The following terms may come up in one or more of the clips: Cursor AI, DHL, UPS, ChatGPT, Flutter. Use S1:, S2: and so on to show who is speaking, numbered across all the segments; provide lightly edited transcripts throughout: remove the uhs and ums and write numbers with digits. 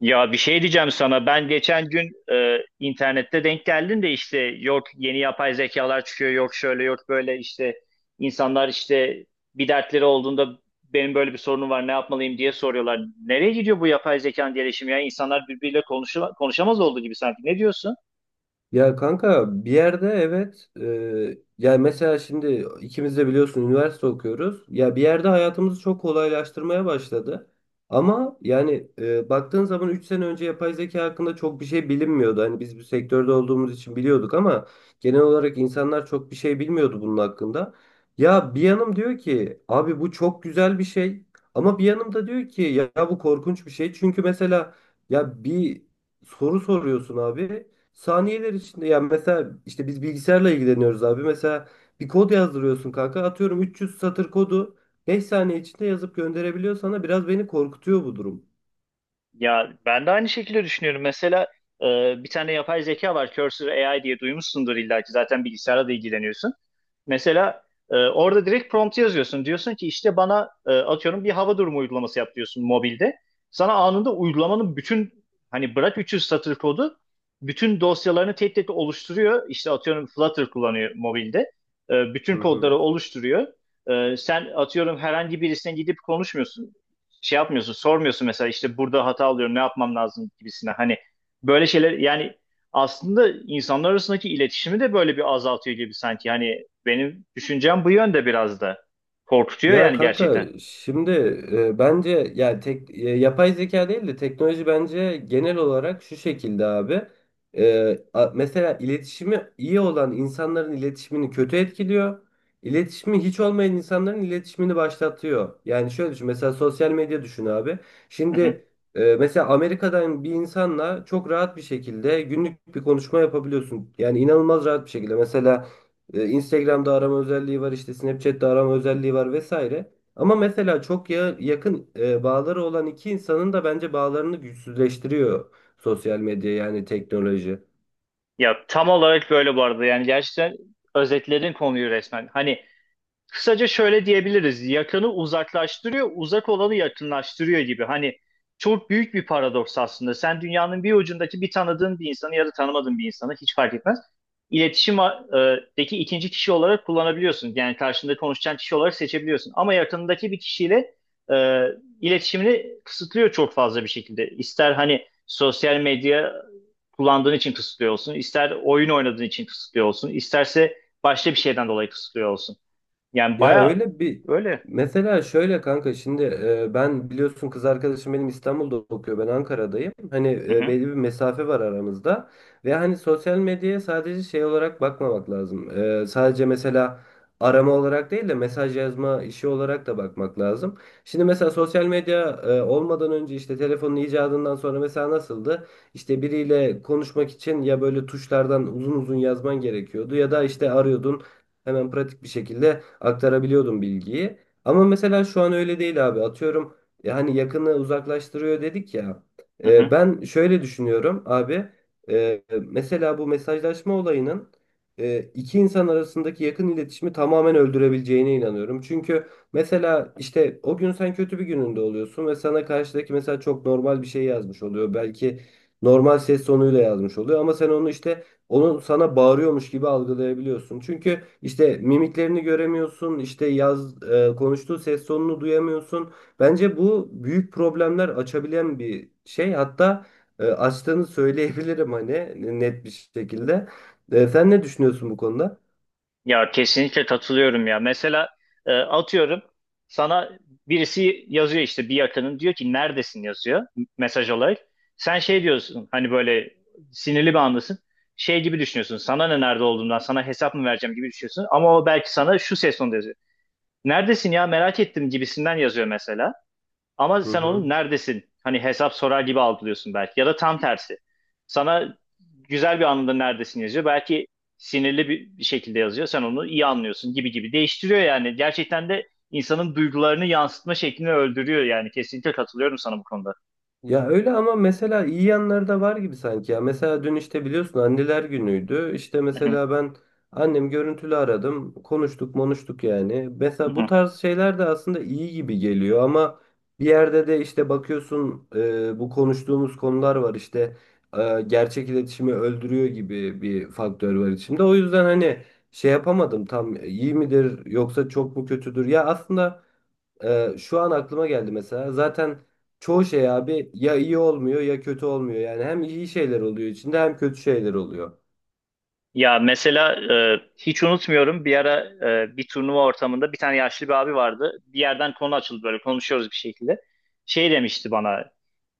S1: Ya bir şey diyeceğim sana. Ben geçen gün internette denk geldim de işte yok yeni yapay zekalar çıkıyor, yok şöyle yok böyle işte insanlar işte bir dertleri olduğunda benim böyle bir sorunum var ne yapmalıyım diye soruyorlar. Nereye gidiyor bu yapay zekanın gelişimi ya? İnsanlar birbiriyle konuşamaz olduğu gibi sanki. Ne diyorsun?
S2: Ya kanka bir yerde evet, yani mesela şimdi ikimiz de biliyorsun üniversite okuyoruz. Ya bir yerde hayatımızı çok kolaylaştırmaya başladı. Ama yani baktığın zaman 3 sene önce yapay zeka hakkında çok bir şey bilinmiyordu. Hani biz bu sektörde olduğumuz için biliyorduk ama genel olarak insanlar çok bir şey bilmiyordu bunun hakkında. Ya bir yanım diyor ki abi bu çok güzel bir şey, ama bir yanım da diyor ki ya bu korkunç bir şey. Çünkü mesela ya bir soru soruyorsun abi. Saniyeler içinde yani mesela işte biz bilgisayarla ilgileniyoruz abi. Mesela bir kod yazdırıyorsun kanka. Atıyorum 300 satır kodu 5 saniye içinde yazıp gönderebiliyor sana. Biraz beni korkutuyor bu durum.
S1: Ya ben de aynı şekilde düşünüyorum. Mesela e, bir tane yapay zeka var, Cursor AI diye duymuşsundur illa ki zaten bilgisayarla da ilgileniyorsun. Mesela orada direkt prompt yazıyorsun. Diyorsun ki işte bana atıyorum bir hava durumu uygulaması yap diyorsun mobilde. Sana anında uygulamanın bütün, hani bırak 300 satır kodu, bütün dosyalarını tek tek oluşturuyor. İşte atıyorum Flutter kullanıyor mobilde. Bütün
S2: Hı
S1: kodları
S2: hı.
S1: oluşturuyor. Sen atıyorum herhangi birisine gidip konuşmuyorsun, şey yapmıyorsun, sormuyorsun mesela işte burada hata alıyorum, ne yapmam lazım gibisine. Hani böyle şeyler yani aslında insanlar arasındaki iletişimi de böyle bir azaltıyor gibi sanki. Hani benim düşüncem bu yönde, biraz da korkutuyor
S2: Ya
S1: yani
S2: kanka
S1: gerçekten.
S2: şimdi bence yani tek yapay zeka değil de teknoloji bence genel olarak şu şekilde abi. Mesela iletişimi iyi olan insanların iletişimini kötü etkiliyor. İletişimi hiç olmayan insanların iletişimini başlatıyor. Yani şöyle düşün mesela sosyal medya düşün abi.
S1: Hı hı.
S2: Şimdi mesela Amerika'dan bir insanla çok rahat bir şekilde günlük bir konuşma yapabiliyorsun. Yani inanılmaz rahat bir şekilde. Mesela Instagram'da arama özelliği var, işte Snapchat'te arama özelliği var vesaire. Ama mesela çok yakın bağları olan iki insanın da bence bağlarını güçsüzleştiriyor sosyal medya yani teknoloji.
S1: Ya tam olarak böyle bu arada, yani gerçekten özetledin konuyu resmen. Hani kısaca şöyle diyebiliriz. Yakını uzaklaştırıyor, uzak olanı yakınlaştırıyor gibi. Hani çok büyük bir paradoks aslında. Sen dünyanın bir ucundaki bir tanıdığın bir insanı ya da tanımadığın bir insanı hiç fark etmez, İletişimdeki ikinci kişi olarak kullanabiliyorsun. Yani karşında konuşacağın kişi olarak seçebiliyorsun. Ama yakınındaki bir kişiyle e, iletişimini kısıtlıyor çok fazla bir şekilde. İster hani sosyal medya kullandığın için kısıtlıyor olsun, ister oyun oynadığın için kısıtlıyor olsun, isterse başka bir şeyden dolayı kısıtlıyor olsun. Yani
S2: Ya
S1: baya
S2: öyle bir
S1: öyle.
S2: mesela şöyle kanka şimdi ben biliyorsun kız arkadaşım benim İstanbul'da okuyor, ben Ankara'dayım. Hani
S1: Hı hı,
S2: belli bir mesafe var aramızda ve hani sosyal medyaya sadece şey olarak bakmamak lazım. Sadece mesela arama olarak değil de mesaj yazma işi olarak da bakmak lazım. Şimdi mesela sosyal medya olmadan önce işte telefonun icadından sonra mesela nasıldı? İşte biriyle konuşmak için ya böyle tuşlardan uzun uzun yazman gerekiyordu ya da işte arıyordun. Hemen pratik bir şekilde aktarabiliyordum bilgiyi. Ama mesela şu an öyle değil abi. Atıyorum hani yakını uzaklaştırıyor dedik ya.
S1: hı hı.
S2: Ben şöyle düşünüyorum abi. Mesela bu mesajlaşma olayının iki insan arasındaki yakın iletişimi tamamen öldürebileceğine inanıyorum. Çünkü mesela işte o gün sen kötü bir gününde oluyorsun ve sana karşıdaki mesela çok normal bir şey yazmış oluyor. Belki normal ses tonuyla yazmış oluyor ama sen onu işte onu sana bağırıyormuş gibi algılayabiliyorsun. Çünkü işte mimiklerini göremiyorsun, işte konuştuğu ses tonunu duyamıyorsun. Bence bu büyük problemler açabilen bir şey. Hatta açtığını söyleyebilirim hani net bir şekilde. Sen ne düşünüyorsun bu konuda?
S1: Ya kesinlikle katılıyorum ya. Mesela atıyorum sana birisi yazıyor işte bir yakının, diyor ki neredesin yazıyor mesaj olarak. Sen şey diyorsun, hani böyle sinirli bir andasın. Şey gibi düşünüyorsun, sana ne nerede olduğundan, sana hesap mı vereceğim gibi düşünüyorsun. Ama o belki sana şu ses tonunda yazıyor. Neredesin ya, merak ettim gibisinden yazıyor mesela. Ama
S2: Hı
S1: sen onu
S2: hı.
S1: neredesin, hani hesap sorar gibi algılıyorsun belki. Ya da tam tersi. Sana güzel bir anında neredesin yazıyor. Belki sinirli bir şekilde yazıyor. Sen onu iyi anlıyorsun gibi gibi. Değiştiriyor yani. Gerçekten de insanın duygularını yansıtma şeklini öldürüyor yani. Kesinlikle katılıyorum sana bu konuda.
S2: Ya öyle ama mesela iyi yanları da var gibi sanki ya. Mesela dün işte biliyorsun anneler günüydü. İşte
S1: Hı hı,
S2: mesela ben annem görüntülü aradım. Konuştuk monuştuk yani.
S1: hı
S2: Mesela bu
S1: hı.
S2: tarz şeyler de aslında iyi gibi geliyor ama bir yerde de işte bakıyorsun bu konuştuğumuz konular var işte gerçek iletişimi öldürüyor gibi bir faktör var içinde. O yüzden hani şey yapamadım tam, iyi midir yoksa çok mu kötüdür? Ya aslında şu an aklıma geldi mesela. Zaten çoğu şey abi ya iyi olmuyor ya kötü olmuyor. Yani hem iyi şeyler oluyor içinde hem kötü şeyler oluyor.
S1: Ya mesela hiç unutmuyorum bir ara bir turnuva ortamında bir tane yaşlı bir abi vardı. Bir yerden konu açıldı, böyle konuşuyoruz bir şekilde. Şey demişti bana,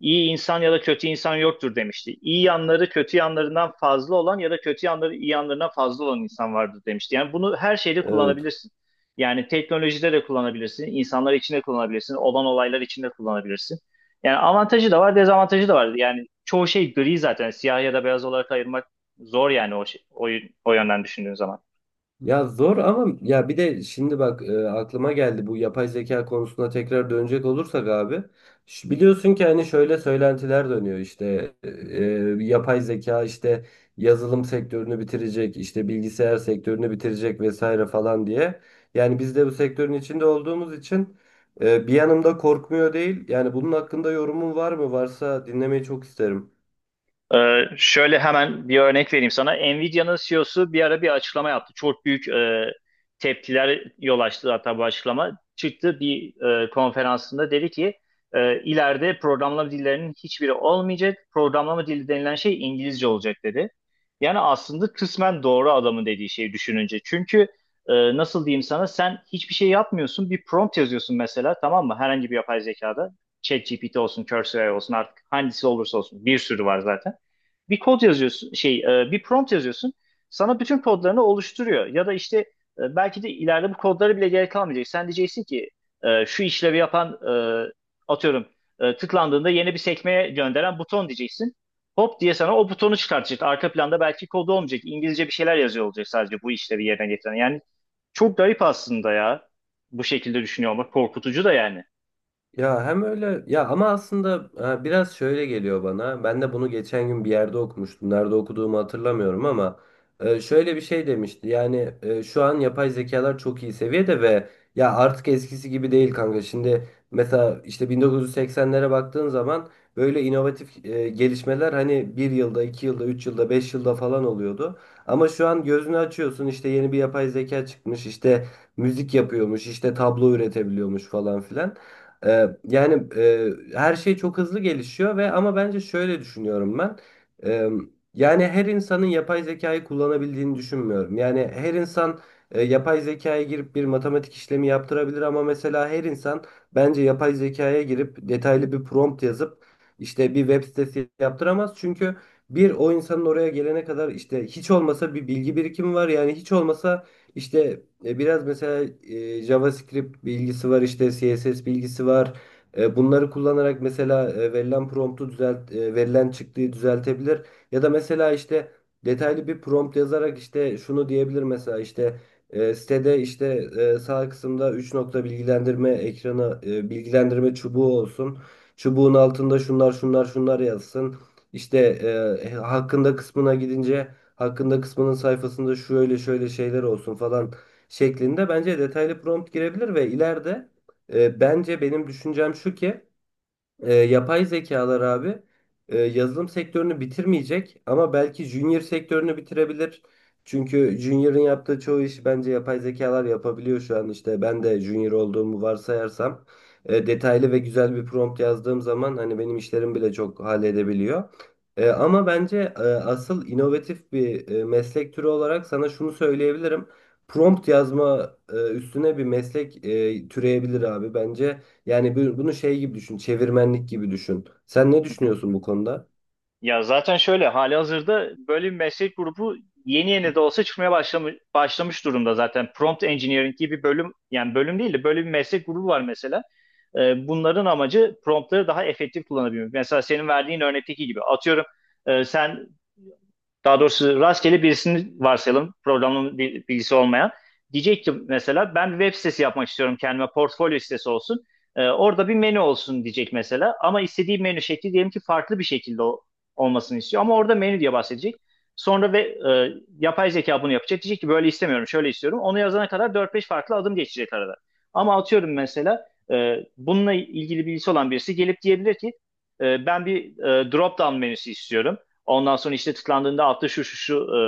S1: iyi insan ya da kötü insan yoktur demişti. İyi yanları kötü yanlarından fazla olan ya da kötü yanları iyi yanlarından fazla olan insan vardır demişti. Yani bunu her şeyde
S2: Evet.
S1: kullanabilirsin. Yani teknolojide de kullanabilirsin, insanlar için de kullanabilirsin, olan olaylar için de kullanabilirsin. Yani avantajı da var, dezavantajı da var. Yani çoğu şey gri zaten, siyah ya da beyaz olarak ayırmak zor yani o yönden düşündüğün zaman.
S2: Ya zor ama ya bir de şimdi bak aklıma geldi, bu yapay zeka konusuna tekrar dönecek olursak abi. Biliyorsun ki hani şöyle söylentiler dönüyor işte yapay zeka işte yazılım sektörünü bitirecek, işte bilgisayar sektörünü bitirecek vesaire falan diye. Yani biz de bu sektörün içinde olduğumuz için bir yanımda korkmuyor değil. Yani bunun hakkında yorumun var mı? Varsa dinlemeyi çok isterim.
S1: Şöyle hemen bir örnek vereyim sana. Nvidia'nın CEO'su bir ara bir açıklama yaptı. Çok büyük tepkiler yol açtı hatta bu açıklama. Çıktı bir konferansında dedi ki ileride programlama dillerinin hiçbiri olmayacak. Programlama dili denilen şey İngilizce olacak dedi. Yani aslında kısmen doğru adamın dediği şeyi düşününce. Çünkü nasıl diyeyim sana, sen hiçbir şey yapmıyorsun. Bir prompt yazıyorsun mesela, tamam mı? Herhangi bir yapay zekada. ChatGPT olsun, Cursor olsun, artık hangisi olursa olsun bir sürü var zaten, bir kod yazıyorsun, bir prompt yazıyorsun, sana bütün kodlarını oluşturuyor. Ya da işte belki de ileride bu kodlara bile gerek kalmayacak. Sen diyeceksin ki şu işlevi yapan, e, atıyorum, tıklandığında yeni bir sekmeye gönderen buton diyeceksin, hop diye sana o butonu çıkartacak, arka planda belki kodu olmayacak, İngilizce bir şeyler yazıyor olacak sadece bu işlevi yerine getiren. Yani çok garip aslında ya, bu şekilde düşünüyor olmak korkutucu da yani.
S2: Ya hem öyle ya ama aslında biraz şöyle geliyor bana. Ben de bunu geçen gün bir yerde okumuştum. Nerede okuduğumu hatırlamıyorum ama şöyle bir şey demişti. Yani şu an yapay zekalar çok iyi seviyede ve ya artık eskisi gibi değil kanka. Şimdi mesela işte 1980'lere baktığın zaman böyle inovatif gelişmeler hani bir yılda, iki yılda, üç yılda, beş yılda falan oluyordu. Ama şu an gözünü açıyorsun işte yeni bir yapay zeka çıkmış, işte müzik yapıyormuş, işte tablo üretebiliyormuş falan filan. Yani her şey çok hızlı gelişiyor ve ama bence şöyle düşünüyorum ben. Ee, Yani her insanın yapay zekayı kullanabildiğini düşünmüyorum. Yani her insan yapay zekaya girip bir matematik işlemi yaptırabilir ama mesela her insan bence yapay zekaya girip detaylı bir prompt yazıp işte bir web sitesi yaptıramaz. Çünkü bir, o insanın oraya gelene kadar işte hiç olmasa bir bilgi birikimi var. Yani hiç olmasa işte biraz mesela JavaScript bilgisi var, işte CSS bilgisi var. Bunları kullanarak mesela verilen promptu düzelt, verilen çıktığı düzeltebilir. Ya da mesela işte detaylı bir prompt yazarak işte şunu diyebilir mesela, işte sitede işte sağ kısımda üç nokta bilgilendirme ekranı, bilgilendirme çubuğu olsun. Çubuğun altında şunlar şunlar şunlar yazsın. İşte hakkında kısmına gidince hakkında kısmının sayfasında şöyle şöyle şeyler olsun falan şeklinde bence detaylı prompt girebilir. Ve ileride bence benim düşüncem şu ki yapay zekalar abi yazılım sektörünü bitirmeyecek ama belki junior sektörünü bitirebilir. Çünkü junior'ın yaptığı çoğu işi bence yapay zekalar yapabiliyor şu an, işte ben de junior olduğumu varsayarsam detaylı ve güzel bir prompt yazdığım zaman hani benim işlerim bile çok halledebiliyor. Ama bence asıl inovatif bir meslek türü olarak sana şunu söyleyebilirim. Prompt yazma üstüne bir meslek türeyebilir abi. Bence yani bunu şey gibi düşün, çevirmenlik gibi düşün. Sen ne düşünüyorsun bu konuda?
S1: Ya zaten şöyle halihazırda böyle bir meslek grubu yeni yeni de olsa çıkmaya başlamış durumda zaten. Prompt Engineering gibi bir bölüm, yani bölüm değil de böyle bir meslek grubu var mesela. Bunların amacı promptları daha efektif kullanabilmek. Mesela senin verdiğin örnekteki gibi atıyorum sen, daha doğrusu rastgele birisini varsayalım. Programlama bilgisi olmayan. Diyecek ki mesela ben bir web sitesi yapmak istiyorum kendime. Portfolyo sitesi olsun. Orada bir menü olsun diyecek mesela. Ama istediği menü şekli diyelim ki farklı bir şekilde olmasını istiyor. Ama orada menü diye bahsedecek. Sonra ve yapay zeka bunu yapacak. Diyecek ki böyle istemiyorum, şöyle istiyorum. Onu yazana kadar dört beş farklı adım geçecek arada. Ama atıyorum mesela bununla ilgili bilgisi olan birisi gelip diyebilir ki ben bir drop down menüsü istiyorum. Ondan sonra işte tıklandığında altta şu şu şu e,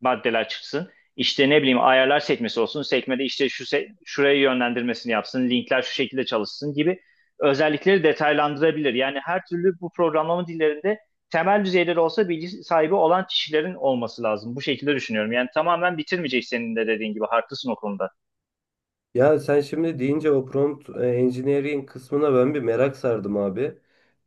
S1: maddeler çıksın. İşte ne bileyim ayarlar sekmesi olsun. Sekmede işte şuraya yönlendirmesini yapsın. Linkler şu şekilde çalışsın gibi özellikleri detaylandırabilir. Yani her türlü bu programlama dillerinde temel düzeyleri olsa bilgi sahibi olan kişilerin olması lazım. Bu şekilde düşünüyorum. Yani tamamen bitirmeyecek senin de dediğin gibi. Haklısın o konuda.
S2: Ya sen şimdi deyince o prompt engineering kısmına ben bir merak sardım abi.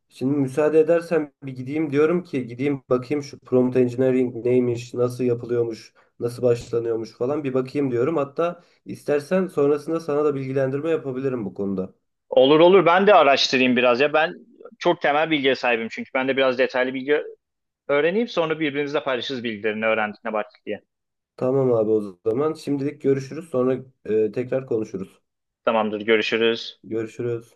S2: Şimdi müsaade edersen bir gideyim, diyorum ki gideyim bakayım şu prompt engineering neymiş, nasıl yapılıyormuş, nasıl başlanıyormuş falan, bir bakayım diyorum. Hatta istersen sonrasında sana da bilgilendirme yapabilirim bu konuda.
S1: Olur olur, ben de araştırayım biraz ya. Ben çok temel bilgiye sahibim çünkü. Ben de biraz detaylı bilgi öğreneyim. Sonra birbirimizle paylaşırız bilgilerini, öğrendik ne baktık diye.
S2: Tamam abi, o zaman şimdilik görüşürüz, sonra tekrar konuşuruz.
S1: Tamamdır, görüşürüz.
S2: Görüşürüz.